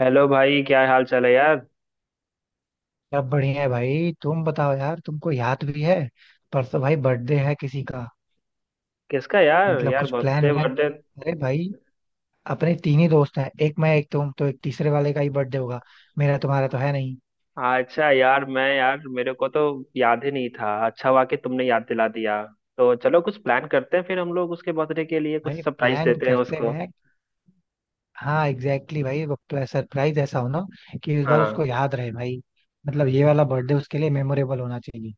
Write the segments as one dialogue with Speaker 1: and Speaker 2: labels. Speaker 1: Hello भाई, क्या हाल चाल है यार।
Speaker 2: सब बढ़िया है भाई. तुम बताओ यार, तुमको याद भी है? परसों भाई बर्थडे है किसी का.
Speaker 1: किसका यार,
Speaker 2: मतलब
Speaker 1: यार
Speaker 2: कुछ प्लान
Speaker 1: बर्थडे
Speaker 2: व्लान
Speaker 1: बर्थडे?
Speaker 2: किया? अरे भाई, अपने तीन ही दोस्त हैं. एक मैं एक तुम, तो एक तीसरे वाले का ही बर्थडे होगा. मेरा तुम्हारा तो है नहीं.
Speaker 1: अच्छा यार, मैं यार मेरे को तो याद ही नहीं था। अच्छा हुआ कि तुमने याद दिला दिया। तो चलो कुछ प्लान करते हैं, फिर हम लोग उसके बर्थडे के लिए कुछ
Speaker 2: भाई
Speaker 1: सरप्राइज
Speaker 2: प्लान
Speaker 1: देते हैं
Speaker 2: करते
Speaker 1: उसको।
Speaker 2: हैं. हाँ एग्जैक्टली exactly. भाई सरप्राइज ऐसा हो ना कि इस बार उसको
Speaker 1: हाँ।
Speaker 2: याद रहे भाई. मतलब ये वाला बर्थडे उसके लिए मेमोरेबल होना चाहिए.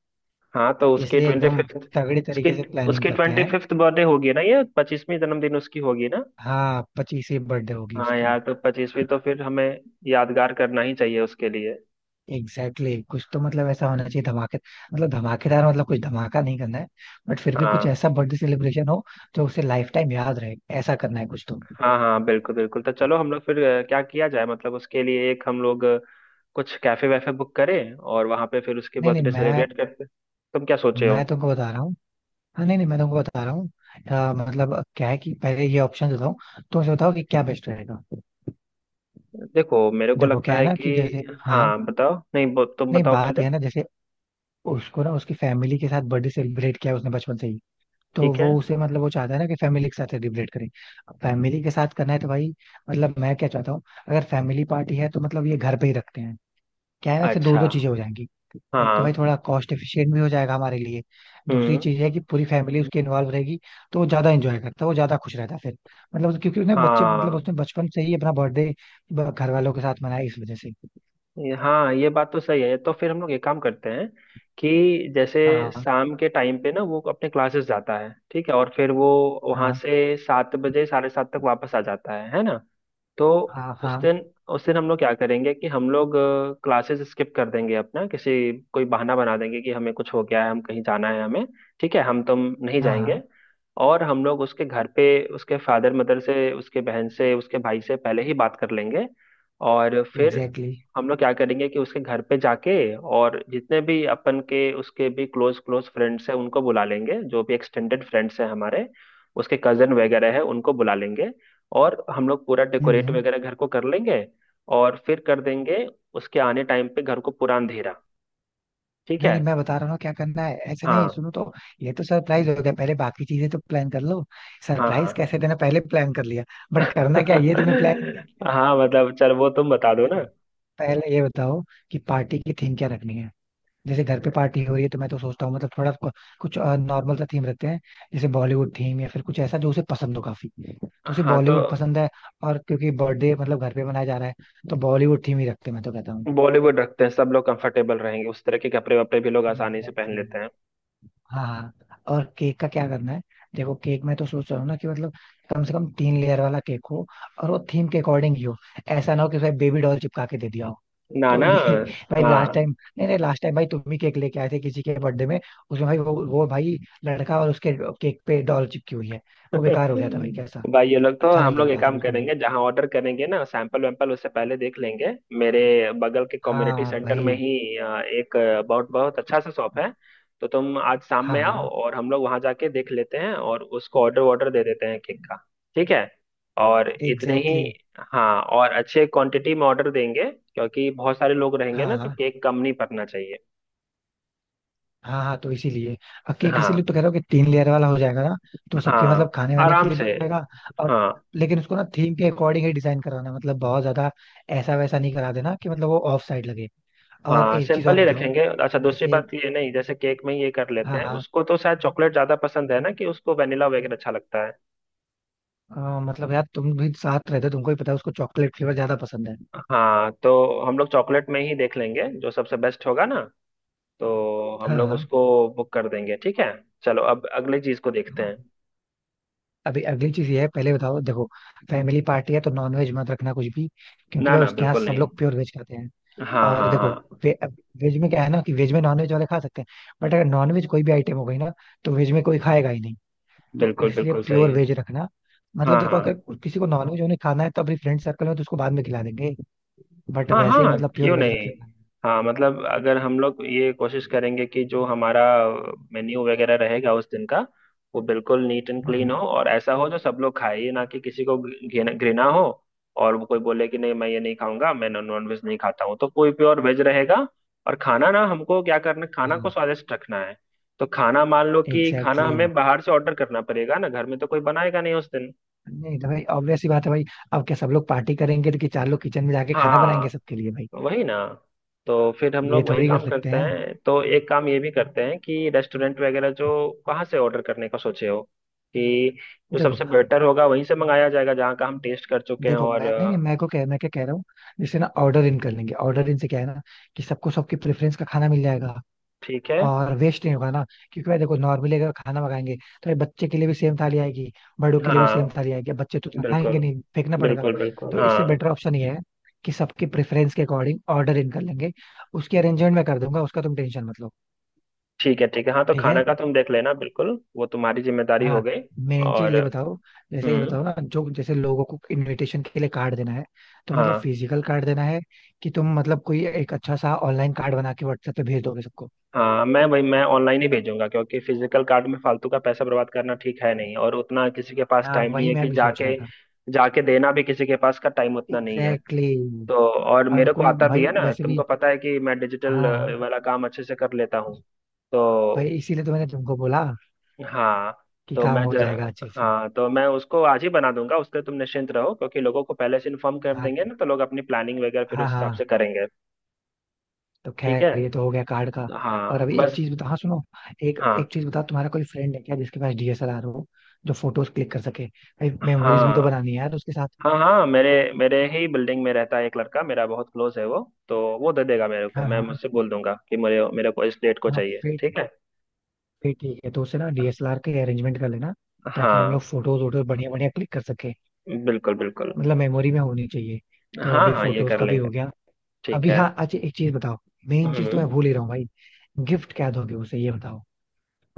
Speaker 1: हाँ तो उसके
Speaker 2: इसलिए
Speaker 1: ट्वेंटी
Speaker 2: एकदम
Speaker 1: फिफ्थ
Speaker 2: तगड़ी
Speaker 1: उसकी
Speaker 2: तरीके से प्लानिंग
Speaker 1: उसकी
Speaker 2: करते
Speaker 1: ट्वेंटी
Speaker 2: हैं.
Speaker 1: फिफ्थ बर्थडे होगी ना, ये 25वीं जन्मदिन उसकी होगी ना।
Speaker 2: हाँ, 25वीं बर्थडे होगी
Speaker 1: हाँ
Speaker 2: उसकी.
Speaker 1: यार, तो 25वीं तो फिर हमें यादगार करना ही चाहिए उसके लिए।
Speaker 2: Exactly exactly. कुछ तो मतलब ऐसा होना चाहिए धमाके, मतलब धमाकेदार, मतलब कुछ धमाका नहीं करना है. बट फिर भी कुछ
Speaker 1: हाँ
Speaker 2: ऐसा बर्थडे सेलिब्रेशन हो जो उसे लाइफ टाइम याद रहे. ऐसा करना है कुछ तो.
Speaker 1: हाँ। हाँ बिल्कुल बिल्कुल, तो चलो हम लोग फिर क्या किया जाए। मतलब उसके लिए एक हम लोग कुछ कैफे वैफे बुक करें और वहां पे फिर उसके
Speaker 2: नहीं नहीं,
Speaker 1: बर्थडे
Speaker 2: मैं
Speaker 1: सेलिब्रेट करते। तुम क्या सोचे हो?
Speaker 2: मैं तुमको बता रहा हूँ. हाँ नहीं नहीं, मैं तुमको बता रहा हूँ. मतलब क्या है कि पहले ये ऑप्शन देता हूँ, तो मुझे बताओ कि क्या बेस्ट रहेगा.
Speaker 1: देखो, मेरे को
Speaker 2: देखो
Speaker 1: लगता
Speaker 2: क्या है
Speaker 1: है
Speaker 2: ना,
Speaker 1: कि,
Speaker 2: कि जैसे हाँ,
Speaker 1: हाँ बताओ, नहीं तुम
Speaker 2: नहीं
Speaker 1: बताओ
Speaker 2: बात
Speaker 1: पहले।
Speaker 2: यह है ना जैसे, उसको ना उसकी फैमिली के साथ बर्थडे सेलिब्रेट किया उसने बचपन से ही. तो
Speaker 1: ठीक है।
Speaker 2: वो उसे मतलब वो चाहता है ना कि फैमिली के साथ सेलिब्रेट करें. अब फैमिली के साथ करना है तो भाई मतलब मैं क्या चाहता हूँ, अगर फैमिली पार्टी है तो मतलब ये घर पे ही रखते हैं. क्या है ना, ऐसे दो
Speaker 1: अच्छा।
Speaker 2: दो चीजें हो जाएंगी. एक तो भाई
Speaker 1: हाँ।
Speaker 2: थोड़ा कॉस्ट एफिशिएंट भी हो जाएगा हमारे लिए. दूसरी
Speaker 1: हम्म।
Speaker 2: चीज है कि पूरी फैमिली उसके इन्वॉल्व रहेगी, तो वो ज्यादा एंजॉय करता है, वो ज्यादा खुश रहता है फिर. मतलब क्योंकि उसने बच्चे मतलब
Speaker 1: हाँ।
Speaker 2: उसने बचपन से ही अपना बर्थडे घर वालों के साथ मनाया इस वजह से.
Speaker 1: हाँ, ये बात तो सही है। तो फिर हम लोग एक काम करते हैं कि, जैसे
Speaker 2: हाँ
Speaker 1: शाम के टाइम पे ना वो अपने क्लासेस जाता है, ठीक है, और फिर वो वहां
Speaker 2: हाँ
Speaker 1: से 7 बजे, 7:30 तक वापस आ जाता है ना। तो
Speaker 2: हाँ.
Speaker 1: उस
Speaker 2: हाँ
Speaker 1: दिन, उस दिन हम लोग क्या करेंगे कि हम लोग क्लासेस स्किप कर देंगे अपना, किसी कोई बहाना बना देंगे कि हमें कुछ हो गया है, हम कहीं जाना है हमें, ठीक है, हम तुम नहीं
Speaker 2: हाँ हाँ.
Speaker 1: जाएंगे। और हम लोग उसके घर पे, उसके फादर मदर से, उसके बहन से, उसके भाई से पहले ही बात कर लेंगे। और फिर
Speaker 2: एग्जैक्टली.
Speaker 1: हम लोग क्या करेंगे कि उसके घर पे जाके, और जितने भी अपन के, उसके भी क्लोज क्लोज फ्रेंड्स हैं उनको बुला लेंगे, जो भी एक्सटेंडेड फ्रेंड्स हैं हमारे, उसके कजन वगैरह है उनको बुला लेंगे। और हम लोग पूरा डेकोरेट वगैरह घर को कर लेंगे और फिर कर देंगे उसके आने टाइम पे घर को पूरा अंधेरा। ठीक
Speaker 2: नहीं
Speaker 1: है।
Speaker 2: नहीं, मैं बता रहा हूँ ना क्या करना है, ऐसे नहीं
Speaker 1: हाँ।
Speaker 2: सुनो तो. ये तो सरप्राइज हो गया, पहले बाकी चीजें तो प्लान कर लो.
Speaker 1: हाँ।
Speaker 2: सरप्राइज
Speaker 1: हाँ।
Speaker 2: कैसे देना पहले प्लान कर लिया, बट करना क्या है, ये तुमने प्लान ही नहीं किया.
Speaker 1: हाँ मतलब, चल वो तुम बता दो ना।
Speaker 2: देखो, पहले ये बताओ कि पार्टी की थीम क्या रखनी है. जैसे घर पे पार्टी हो रही है तो मैं तो सोचता हूँ मतलब थोड़ा कुछ नॉर्मल सा थीम रखते हैं. जैसे बॉलीवुड थीम या फिर कुछ ऐसा जो उसे पसंद हो काफी. तो उसे
Speaker 1: हाँ तो
Speaker 2: बॉलीवुड पसंद है. और क्योंकि बर्थडे मतलब घर पे मनाया जा रहा है, तो बॉलीवुड थीम ही रखते हैं मैं तो कहता हूँ.
Speaker 1: बॉलीवुड रखते हैं, सब लोग कंफर्टेबल रहेंगे। उस तरह के कपड़े वपड़े भी लोग आसानी से पहन
Speaker 2: एग्जैक्टली.
Speaker 1: लेते हैं।
Speaker 2: हाँ हाँ. और केक का क्या करना है? देखो केक में तो सोच रहा हूँ ना कि मतलब कम से कम 3 लेयर वाला केक हो, और वो थीम के अकॉर्डिंग ही हो. ऐसा ना हो कि उसमें बेबी डॉल चिपका के दे दिया हो.
Speaker 1: ना
Speaker 2: तो
Speaker 1: ना।
Speaker 2: ये भाई लास्ट
Speaker 1: हाँ।
Speaker 2: टाइम, नहीं नहीं लास्ट टाइम भाई तुम ही केक लेके आए थे किसी के बर्थडे में. उसमें भाई वो भाई लड़का, और उसके केक पे डॉल चिपकी हुई है. वो बेकार हो गया था भाई कैसा,
Speaker 1: भाई ये लोग, तो
Speaker 2: अच्छा
Speaker 1: हम
Speaker 2: नहीं
Speaker 1: लोग
Speaker 2: लग
Speaker 1: एक
Speaker 2: रहा था
Speaker 1: काम
Speaker 2: बिल्कुल भी.
Speaker 1: करेंगे, जहाँ ऑर्डर करेंगे ना, सैंपल वैम्पल उससे पहले देख लेंगे। मेरे बगल के कम्युनिटी
Speaker 2: हाँ
Speaker 1: सेंटर में
Speaker 2: भाई.
Speaker 1: ही एक बहुत बहुत अच्छा सा शॉप है। तो तुम आज शाम
Speaker 2: हाँ
Speaker 1: में आओ
Speaker 2: हाँ.
Speaker 1: और हम लोग वहाँ जाके देख लेते हैं और उसको ऑर्डर वॉर्डर दे देते हैं केक का। ठीक है। और इतने ही।
Speaker 2: एग्जैक्टली.
Speaker 1: हाँ, और अच्छे क्वांटिटी में ऑर्डर देंगे क्योंकि बहुत सारे लोग रहेंगे ना, तो
Speaker 2: हाँ
Speaker 1: केक कम नहीं पकना चाहिए।
Speaker 2: हाँ हाँ, तो इसीलिए अब केक
Speaker 1: हाँ।
Speaker 2: इसीलिए तो कह रहा हूँ कि 3 लेयर वाला हो जाएगा ना. तो सबके मतलब
Speaker 1: हाँ
Speaker 2: खाने वाने के
Speaker 1: आराम
Speaker 2: लिए भी
Speaker 1: से।
Speaker 2: हो जाएगा. और
Speaker 1: हाँ।
Speaker 2: लेकिन उसको ना थीम के अकॉर्डिंग ही डिजाइन करवाना, मतलब बहुत ज्यादा ऐसा वैसा नहीं करा देना कि मतलब वो ऑफ साइड लगे. और
Speaker 1: हाँ
Speaker 2: एक चीज
Speaker 1: सिंपल
Speaker 2: और
Speaker 1: ही
Speaker 2: बताओ,
Speaker 1: रखेंगे। अच्छा दूसरी
Speaker 2: जैसे,
Speaker 1: बात, ये, नहीं जैसे केक में ये कर लेते
Speaker 2: हाँ
Speaker 1: हैं,
Speaker 2: हाँ,
Speaker 1: उसको तो शायद चॉकलेट ज्यादा पसंद है ना, कि उसको वेनिला वगैरह अच्छा लगता है।
Speaker 2: मतलब यार तुम भी साथ रहते हो, तुमको ही पता है उसको चॉकलेट फ्लेवर ज्यादा पसंद है.
Speaker 1: हाँ, तो हम लोग चॉकलेट में ही देख लेंगे जो सबसे बेस्ट होगा ना, तो हम
Speaker 2: हाँ
Speaker 1: लोग
Speaker 2: हाँ.
Speaker 1: उसको बुक कर देंगे। ठीक है, चलो अब अगली चीज को देखते हैं।
Speaker 2: अभी अगली चीज ये है, पहले बताओ देखो. फैमिली पार्टी है तो नॉनवेज मत रखना कुछ भी, क्योंकि
Speaker 1: ना
Speaker 2: भाई
Speaker 1: ना
Speaker 2: उसके यहाँ
Speaker 1: बिल्कुल
Speaker 2: सब
Speaker 1: नहीं।
Speaker 2: लोग प्योर वेज खाते हैं.
Speaker 1: हाँ
Speaker 2: और
Speaker 1: हाँ
Speaker 2: देखो,
Speaker 1: हाँ।
Speaker 2: वे, वेज में क्या है ना कि वेज में नॉनवेज वाले खा सकते हैं. बट अगर नॉनवेज कोई भी आइटम हो गई ना, तो वेज में कोई खाएगा ही नहीं. तो
Speaker 1: बिल्कुल
Speaker 2: इसलिए
Speaker 1: बिल्कुल
Speaker 2: प्योर
Speaker 1: सही।
Speaker 2: वेज रखना. मतलब
Speaker 1: हाँ
Speaker 2: देखो अगर
Speaker 1: हाँ।
Speaker 2: किसी को नॉनवेज उन्हें खाना है तो अपनी फ्रेंड सर्कल में तो उसको बाद में खिला देंगे. बट
Speaker 1: हाँ
Speaker 2: वैसे
Speaker 1: हाँ
Speaker 2: मतलब प्योर
Speaker 1: क्यों
Speaker 2: वेज रख
Speaker 1: नहीं।
Speaker 2: सकते हैं.
Speaker 1: हाँ मतलब, अगर हम लोग ये कोशिश करेंगे कि जो हमारा मेन्यू वगैरह रहेगा उस दिन का, वो बिल्कुल नीट एंड क्लीन हो,
Speaker 2: हम्म.
Speaker 1: और ऐसा हो जो सब लोग खाए, ये ना कि किसी को घृणा हो और वो कोई बोले कि नहीं मैं ये नहीं खाऊंगा, मैं नॉन वेज नहीं खाता हूँ, तो कोई प्योर वेज रहेगा। और खाना ना, हमको क्या करना, खाना को
Speaker 2: हाँ
Speaker 1: स्वादिष्ट रखना है। तो खाना, मान लो कि खाना
Speaker 2: एग्जैक्टली exactly.
Speaker 1: हमें बाहर से ऑर्डर करना पड़ेगा ना, घर में तो कोई बनाएगा नहीं उस दिन।
Speaker 2: नहीं तो भाई ऑब्वियस ही बात है भाई. अब क्या सब लोग पार्टी करेंगे तो कि चार लोग किचन में जाके खाना बनाएंगे
Speaker 1: हाँ
Speaker 2: सबके लिए भाई?
Speaker 1: वही ना, तो फिर हम
Speaker 2: ये
Speaker 1: लोग वही
Speaker 2: थोड़ी कर
Speaker 1: काम
Speaker 2: सकते
Speaker 1: करते
Speaker 2: हैं.
Speaker 1: हैं, तो एक काम ये भी करते हैं कि, रेस्टोरेंट वगैरह जो, कहाँ से ऑर्डर करने का सोचे हो, कि जो
Speaker 2: देखो
Speaker 1: सबसे बेटर होगा वहीं से मंगाया जाएगा, जहाँ का हम टेस्ट कर चुके हैं
Speaker 2: देखो
Speaker 1: और
Speaker 2: मैं, नहीं नहीं, मैं को कह, मैं क्या कह रहा हूँ. जैसे ना ऑर्डर इन कर लेंगे, ऑर्डर इन से क्या है ना कि सबको सबकी प्रेफरेंस का खाना मिल जाएगा
Speaker 1: ठीक है।
Speaker 2: और वेस्ट नहीं होगा ना. क्योंकि भाई देखो, नॉर्मली अगर खाना मंगाएंगे तो ये बच्चे के लिए भी सेम थाली आएगी, बड़ों के लिए भी सेम
Speaker 1: हाँ
Speaker 2: थाली आएगी. अब बच्चे तो उतना खाएंगे
Speaker 1: बिल्कुल।
Speaker 2: नहीं, फेंकना पड़ेगा.
Speaker 1: बिल्कुल बिल्कुल
Speaker 2: तो इससे
Speaker 1: हाँ।
Speaker 2: बेटर ऑप्शन ये है कि सबकी प्रेफरेंस के अकॉर्डिंग ऑर्डर इन कर लेंगे. उसकी अरेंजमेंट मैं कर दूंगा, उसका तुम टेंशन मत लो.
Speaker 1: ठीक है, ठीक है। हाँ तो
Speaker 2: ठीक
Speaker 1: खाना
Speaker 2: है.
Speaker 1: का तुम देख लेना बिल्कुल, वो तुम्हारी जिम्मेदारी हो
Speaker 2: हाँ,
Speaker 1: गई।
Speaker 2: मेन चीज
Speaker 1: और।
Speaker 2: ये बताओ. जैसे ये
Speaker 1: हम्म।
Speaker 2: बताओ ना, जो जैसे लोगों को इनविटेशन के लिए कार्ड देना है, तो मतलब
Speaker 1: हाँ।
Speaker 2: फिजिकल कार्ड देना है कि तुम मतलब कोई एक अच्छा सा ऑनलाइन कार्ड बना के व्हाट्सएप पे भेज दोगे सबको?
Speaker 1: हाँ, मैं भाई, मैं ऑनलाइन ही भेजूंगा, क्योंकि फिजिकल कार्ड में फालतू का पैसा बर्बाद करना ठीक है नहीं, और उतना किसी के पास
Speaker 2: हाँ
Speaker 1: टाइम नहीं
Speaker 2: वही
Speaker 1: है कि
Speaker 2: मैं भी सोच
Speaker 1: जाके,
Speaker 2: रहा था.
Speaker 1: जाके देना भी किसी के पास का टाइम उतना नहीं है।
Speaker 2: Exactly exactly.
Speaker 1: तो, और
Speaker 2: और
Speaker 1: मेरे को
Speaker 2: कोई
Speaker 1: आता भी
Speaker 2: भाई
Speaker 1: है ना,
Speaker 2: वैसे
Speaker 1: तुमको
Speaker 2: भी,
Speaker 1: पता है कि मैं डिजिटल
Speaker 2: हाँ
Speaker 1: वाला काम अच्छे से कर लेता हूँ तो।
Speaker 2: भाई इसीलिए तो मैंने तुमको बोला
Speaker 1: हाँ।
Speaker 2: कि
Speaker 1: तो
Speaker 2: काम हो जाएगा अच्छे से.
Speaker 1: हाँ तो मैं उसको आज ही बना दूंगा। उसके तुम निश्चिंत रहो, क्योंकि लोगों को पहले से इन्फॉर्म कर
Speaker 2: हाँ
Speaker 1: देंगे ना, तो लोग अपनी प्लानिंग वगैरह फिर
Speaker 2: हाँ.
Speaker 1: उस हिसाब
Speaker 2: हाँ,
Speaker 1: से करेंगे।
Speaker 2: तो
Speaker 1: ठीक है।
Speaker 2: खैर ये तो हो गया कार्ड का. और
Speaker 1: हाँ
Speaker 2: अभी एक
Speaker 1: बस।
Speaker 2: चीज बता, हाँ सुनो, एक
Speaker 1: हाँ
Speaker 2: एक चीज बता, तुम्हारा कोई फ्रेंड है क्या जिसके पास डीएसएलआर हो जो फोटोज क्लिक कर सके? भाई मेमोरीज भी तो
Speaker 1: हाँ।
Speaker 2: बनानी है यार उसके साथ.
Speaker 1: हाँ हाँ। मेरे मेरे ही बिल्डिंग में रहता है एक लड़का, मेरा बहुत क्लोज है वो, तो वो दे देगा मेरे को।
Speaker 2: हाँ
Speaker 1: मैं
Speaker 2: हाँ
Speaker 1: मुझसे बोल दूंगा कि मेरे मेरे को इस डेट को
Speaker 2: हाँ.
Speaker 1: चाहिए,
Speaker 2: फिर
Speaker 1: ठीक है।
Speaker 2: फिर ठीक है, तो उससे ना डीएसएलआर के अरेंजमेंट कर लेना ताकि हम
Speaker 1: हाँ
Speaker 2: लोग फोटोज वोटोज बढ़िया बढ़िया क्लिक कर सके.
Speaker 1: बिल्कुल बिल्कुल।
Speaker 2: मतलब मेमोरी में होनी चाहिए. तो
Speaker 1: हाँ
Speaker 2: अभी
Speaker 1: हाँ ये
Speaker 2: फोटोज
Speaker 1: कर
Speaker 2: का भी
Speaker 1: लेंगे।
Speaker 2: हो गया.
Speaker 1: ठीक
Speaker 2: अभी
Speaker 1: है।
Speaker 2: हाँ अच्छा एक चीज बताओ, मेन चीज तो
Speaker 1: हम्म।
Speaker 2: मैं भूल ही रहा हूँ भाई, गिफ्ट क्या दोगे उसे ये बताओ.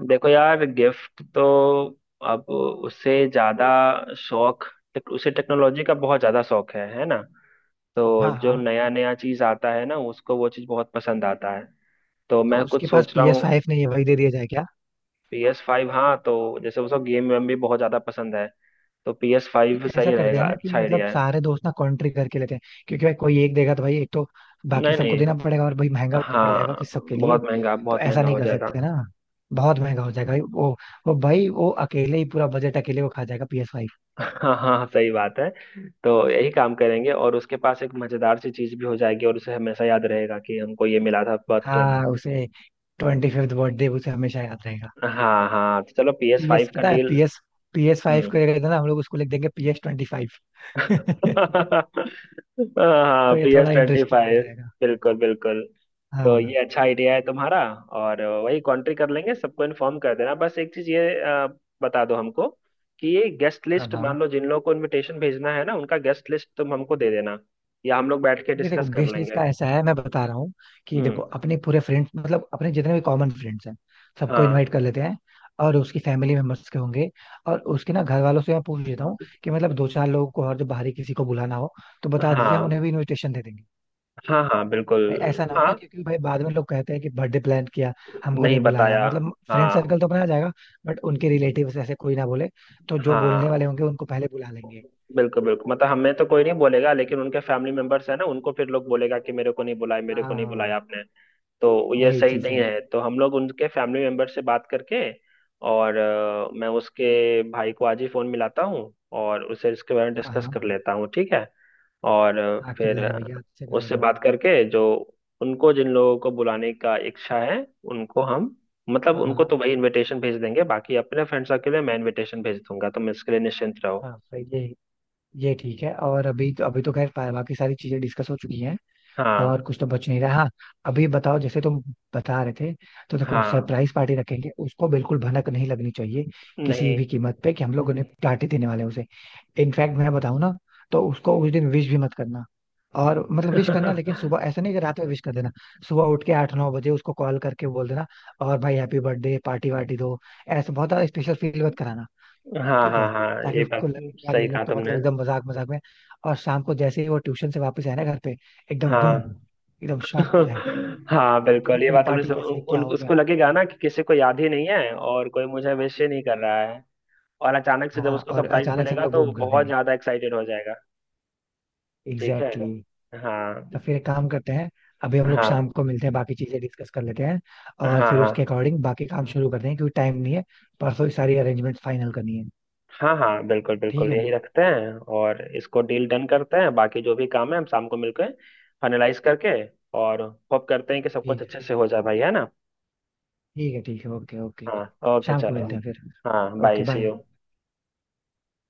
Speaker 1: देखो यार, गिफ्ट तो अब, उससे ज्यादा शौक, उसे टेक्नोलॉजी का बहुत ज्यादा शौक है ना। तो
Speaker 2: हाँ
Speaker 1: जो
Speaker 2: हाँ,
Speaker 1: नया नया चीज आता है ना, उसको वो चीज बहुत पसंद आता है, तो
Speaker 2: तो
Speaker 1: मैं कुछ
Speaker 2: उसके पास
Speaker 1: सोच रहा हूँ।
Speaker 2: PS5 नहीं है, वही दे दिया जाए क्या?
Speaker 1: PS5, हाँ तो जैसे उसको गेम वेम भी बहुत ज्यादा पसंद है, तो PS5
Speaker 2: ऐसा
Speaker 1: सही
Speaker 2: करते हैं
Speaker 1: रहेगा,
Speaker 2: ना कि
Speaker 1: अच्छा
Speaker 2: मतलब
Speaker 1: आइडिया है।
Speaker 2: सारे दोस्त ना कंट्री करके लेते हैं, क्योंकि भाई कोई एक देगा तो भाई एक तो बाकी
Speaker 1: नहीं
Speaker 2: सबको
Speaker 1: नहीं।
Speaker 2: देना पड़ेगा, और भाई महंगा भी तो पड़ जाएगा कि
Speaker 1: हाँ
Speaker 2: सबके लिए.
Speaker 1: बहुत महंगा,
Speaker 2: तो
Speaker 1: बहुत
Speaker 2: ऐसा
Speaker 1: महंगा
Speaker 2: नहीं
Speaker 1: हो
Speaker 2: कर
Speaker 1: जाएगा।
Speaker 2: सकते ना, बहुत महंगा हो जाएगा भाई. वो भाई वो अकेले ही पूरा बजट अकेले वो खा जाएगा PS5.
Speaker 1: हाँ हाँ हाँ, सही बात है। तो यही काम करेंगे और उसके पास एक मजेदार सी चीज भी हो जाएगी, और उसे हमेशा याद रहेगा कि हमको ये मिला था बर्थडे में।
Speaker 2: हाँ, उसे 25वीं बर्थडे उसे हमेशा याद रहेगा.
Speaker 1: हाँ हाँ, तो चलो, P S
Speaker 2: P S
Speaker 1: five का
Speaker 2: पता है
Speaker 1: डील।
Speaker 2: पी एस फाइव
Speaker 1: हम्म।
Speaker 2: को जगह ना हम लोग उसको लिख देंगे PS25.
Speaker 1: हाँ,
Speaker 2: तो ये
Speaker 1: पी एस
Speaker 2: थोड़ा
Speaker 1: ट्वेंटी
Speaker 2: इंटरेस्टिंग हो
Speaker 1: फाइव
Speaker 2: जाएगा.
Speaker 1: बिल्कुल बिल्कुल। तो
Speaker 2: हाँ
Speaker 1: ये अच्छा आइडिया है तुम्हारा, और वही कॉन्ट्री कर लेंगे, सबको इन्फॉर्म कर देना। बस एक चीज ये बता दो हमको, कि ये गेस्ट
Speaker 2: हाँ
Speaker 1: लिस्ट,
Speaker 2: हाँ.
Speaker 1: मान लो जिन लोगों को इनविटेशन भेजना है ना, उनका गेस्ट लिस्ट तुम हमको दे देना, या हम लोग बैठ के
Speaker 2: नहीं देखो,
Speaker 1: डिस्कस कर
Speaker 2: गेस्ट लिस्ट
Speaker 1: लेंगे।
Speaker 2: का ऐसा है मैं बता रहा हूँ. कि
Speaker 1: हम्म।
Speaker 2: देखो अपने पूरे फ्रेंड्स मतलब अपने जितने भी कॉमन फ्रेंड्स हैं सबको
Speaker 1: हाँ।
Speaker 2: इनवाइट कर लेते हैं. और उसकी फैमिली मेंबर्स के होंगे, और उसके ना घर वालों से मैं पूछ लेता हूँ कि मतलब दो चार लोगों को और जो बाहरी किसी को बुलाना हो तो बता दीजिए, हम
Speaker 1: हाँ
Speaker 2: उन्हें भी इन्विटेशन दे देंगे.
Speaker 1: हाँ। हाँ बिल्कुल।
Speaker 2: ऐसा ना हो
Speaker 1: हाँ,
Speaker 2: ना, क्योंकि भाई बाद में लोग कहते हैं कि बर्थडे प्लान किया, हमको
Speaker 1: नहीं
Speaker 2: नहीं बुलाया.
Speaker 1: बताया।
Speaker 2: मतलब फ्रेंड
Speaker 1: हाँ।
Speaker 2: सर्कल तो अपना आ जाएगा, बट उनके रिलेटिव्स ऐसे कोई ना बोले, तो जो बोलने वाले
Speaker 1: हाँ
Speaker 2: होंगे उनको पहले बुला लेंगे.
Speaker 1: बिल्कुल बिल्कुल, मतलब हमें तो कोई नहीं बोलेगा, लेकिन उनके फैमिली मेंबर्स है ना, उनको फिर लोग बोलेगा कि मेरे को नहीं बुलाया,
Speaker 2: हाँ
Speaker 1: मेरे को
Speaker 2: हाँ
Speaker 1: नहीं
Speaker 2: हाँ.
Speaker 1: बुलाया आपने। तो ये
Speaker 2: यही
Speaker 1: सही
Speaker 2: चीज
Speaker 1: नहीं
Speaker 2: है.
Speaker 1: है, तो हम लोग उनके फैमिली मेंबर से बात करके, और मैं उसके भाई को आज ही फोन मिलाता हूँ और उसे इसके बारे में
Speaker 2: हाँ
Speaker 1: डिस्कस
Speaker 2: हाँ,
Speaker 1: कर लेता हूँ, ठीक है। और
Speaker 2: हाँ कर
Speaker 1: फिर
Speaker 2: लेना भैया, अच्छे कर
Speaker 1: उससे
Speaker 2: लेना.
Speaker 1: बात करके, जो उनको, जिन लोगों को बुलाने का इच्छा है, उनको हम, मतलब
Speaker 2: हाँ
Speaker 1: उनको
Speaker 2: हाँ.
Speaker 1: तो वही इनविटेशन भेज देंगे। बाकी अपने फ्रेंड्स के लिए मैं इनविटेशन भेज दूंगा, तुम इसके लिए निश्चिंत रहो।
Speaker 2: हाँ भाई ये ठीक है. और अभी तो खैर बाकी सारी चीजें डिस्कस हो चुकी हैं.
Speaker 1: हाँ।
Speaker 2: और कुछ तो बच नहीं रहा. हाँ अभी बताओ, जैसे तुम बता रहे थे. तो देखो
Speaker 1: हाँ।
Speaker 2: सरप्राइज पार्टी रखेंगे, उसको बिल्कुल भनक नहीं लगनी चाहिए किसी
Speaker 1: नहीं।
Speaker 2: भी कीमत पे कि हम लोग उन्हें पार्टी देने वाले हैं उसे. इनफैक्ट मैं बताऊं ना, तो उसको उस दिन विश भी मत करना. और मतलब विश करना, लेकिन सुबह, ऐसा नहीं कि रात में विश कर देना. सुबह उठ के 8-9 बजे उसको कॉल करके बोल देना और भाई हैप्पी बर्थडे पार्टी वार्टी दो, ऐसा बहुत ज्यादा स्पेशल फील मत कराना.
Speaker 1: हाँ
Speaker 2: ठीक है,
Speaker 1: हाँ हाँ
Speaker 2: ताकि
Speaker 1: ये बात।
Speaker 2: उसको लगे कि यार ये
Speaker 1: सही
Speaker 2: लोग
Speaker 1: कहा
Speaker 2: तो
Speaker 1: तुमने।
Speaker 2: मतलब एकदम मजाक मजाक में. और शाम को जैसे ही वो ट्यूशन से वापस आए ना घर पे, एकदम बूम,
Speaker 1: हाँ
Speaker 2: एकदम शॉक हो जाए
Speaker 1: हाँ
Speaker 2: कि
Speaker 1: बिल्कुल
Speaker 2: इतनी
Speaker 1: ये
Speaker 2: बड़ी
Speaker 1: बात हमने
Speaker 2: पार्टी कैसे क्या हो गया.
Speaker 1: उसको लगेगा ना कि किसी को याद ही नहीं है, और कोई मुझे विश ही नहीं कर रहा है। और अचानक से जब
Speaker 2: हाँ
Speaker 1: उसको
Speaker 2: और
Speaker 1: सरप्राइज
Speaker 2: अचानक से हम
Speaker 1: मिलेगा
Speaker 2: लोग
Speaker 1: तो
Speaker 2: बूम
Speaker 1: वो
Speaker 2: कर
Speaker 1: बहुत
Speaker 2: देंगे.
Speaker 1: ज्यादा एक्साइटेड हो जाएगा। ठीक है।
Speaker 2: Exactly exactly.
Speaker 1: हाँ।
Speaker 2: तो फिर एक काम करते हैं, अभी हम लोग
Speaker 1: हाँ
Speaker 2: शाम को मिलते हैं, बाकी चीजें डिस्कस कर लेते हैं. और
Speaker 1: हाँ
Speaker 2: फिर उसके
Speaker 1: हाँ
Speaker 2: अकॉर्डिंग बाकी काम शुरू करते हैं, क्योंकि टाइम नहीं है. परसों ही सारी अरेंजमेंट फाइनल करनी है.
Speaker 1: हाँ। हाँ बिल्कुल
Speaker 2: ठीक
Speaker 1: बिल्कुल,
Speaker 2: है ना.
Speaker 1: यही रखते हैं, और इसको डील डन करते हैं। बाकी जो भी काम है हम शाम को मिलकर फाइनलाइज करके, और होप करते हैं कि सब कुछ
Speaker 2: ठीक,
Speaker 1: अच्छे से हो जाए भाई, है ना।
Speaker 2: ठीक है ठीक है, ओके ओके.
Speaker 1: हाँ, ओके
Speaker 2: शाम को
Speaker 1: चलो।
Speaker 2: मिलते हैं फिर.
Speaker 1: हाँ,
Speaker 2: okay
Speaker 1: bye, see
Speaker 2: bye.
Speaker 1: You.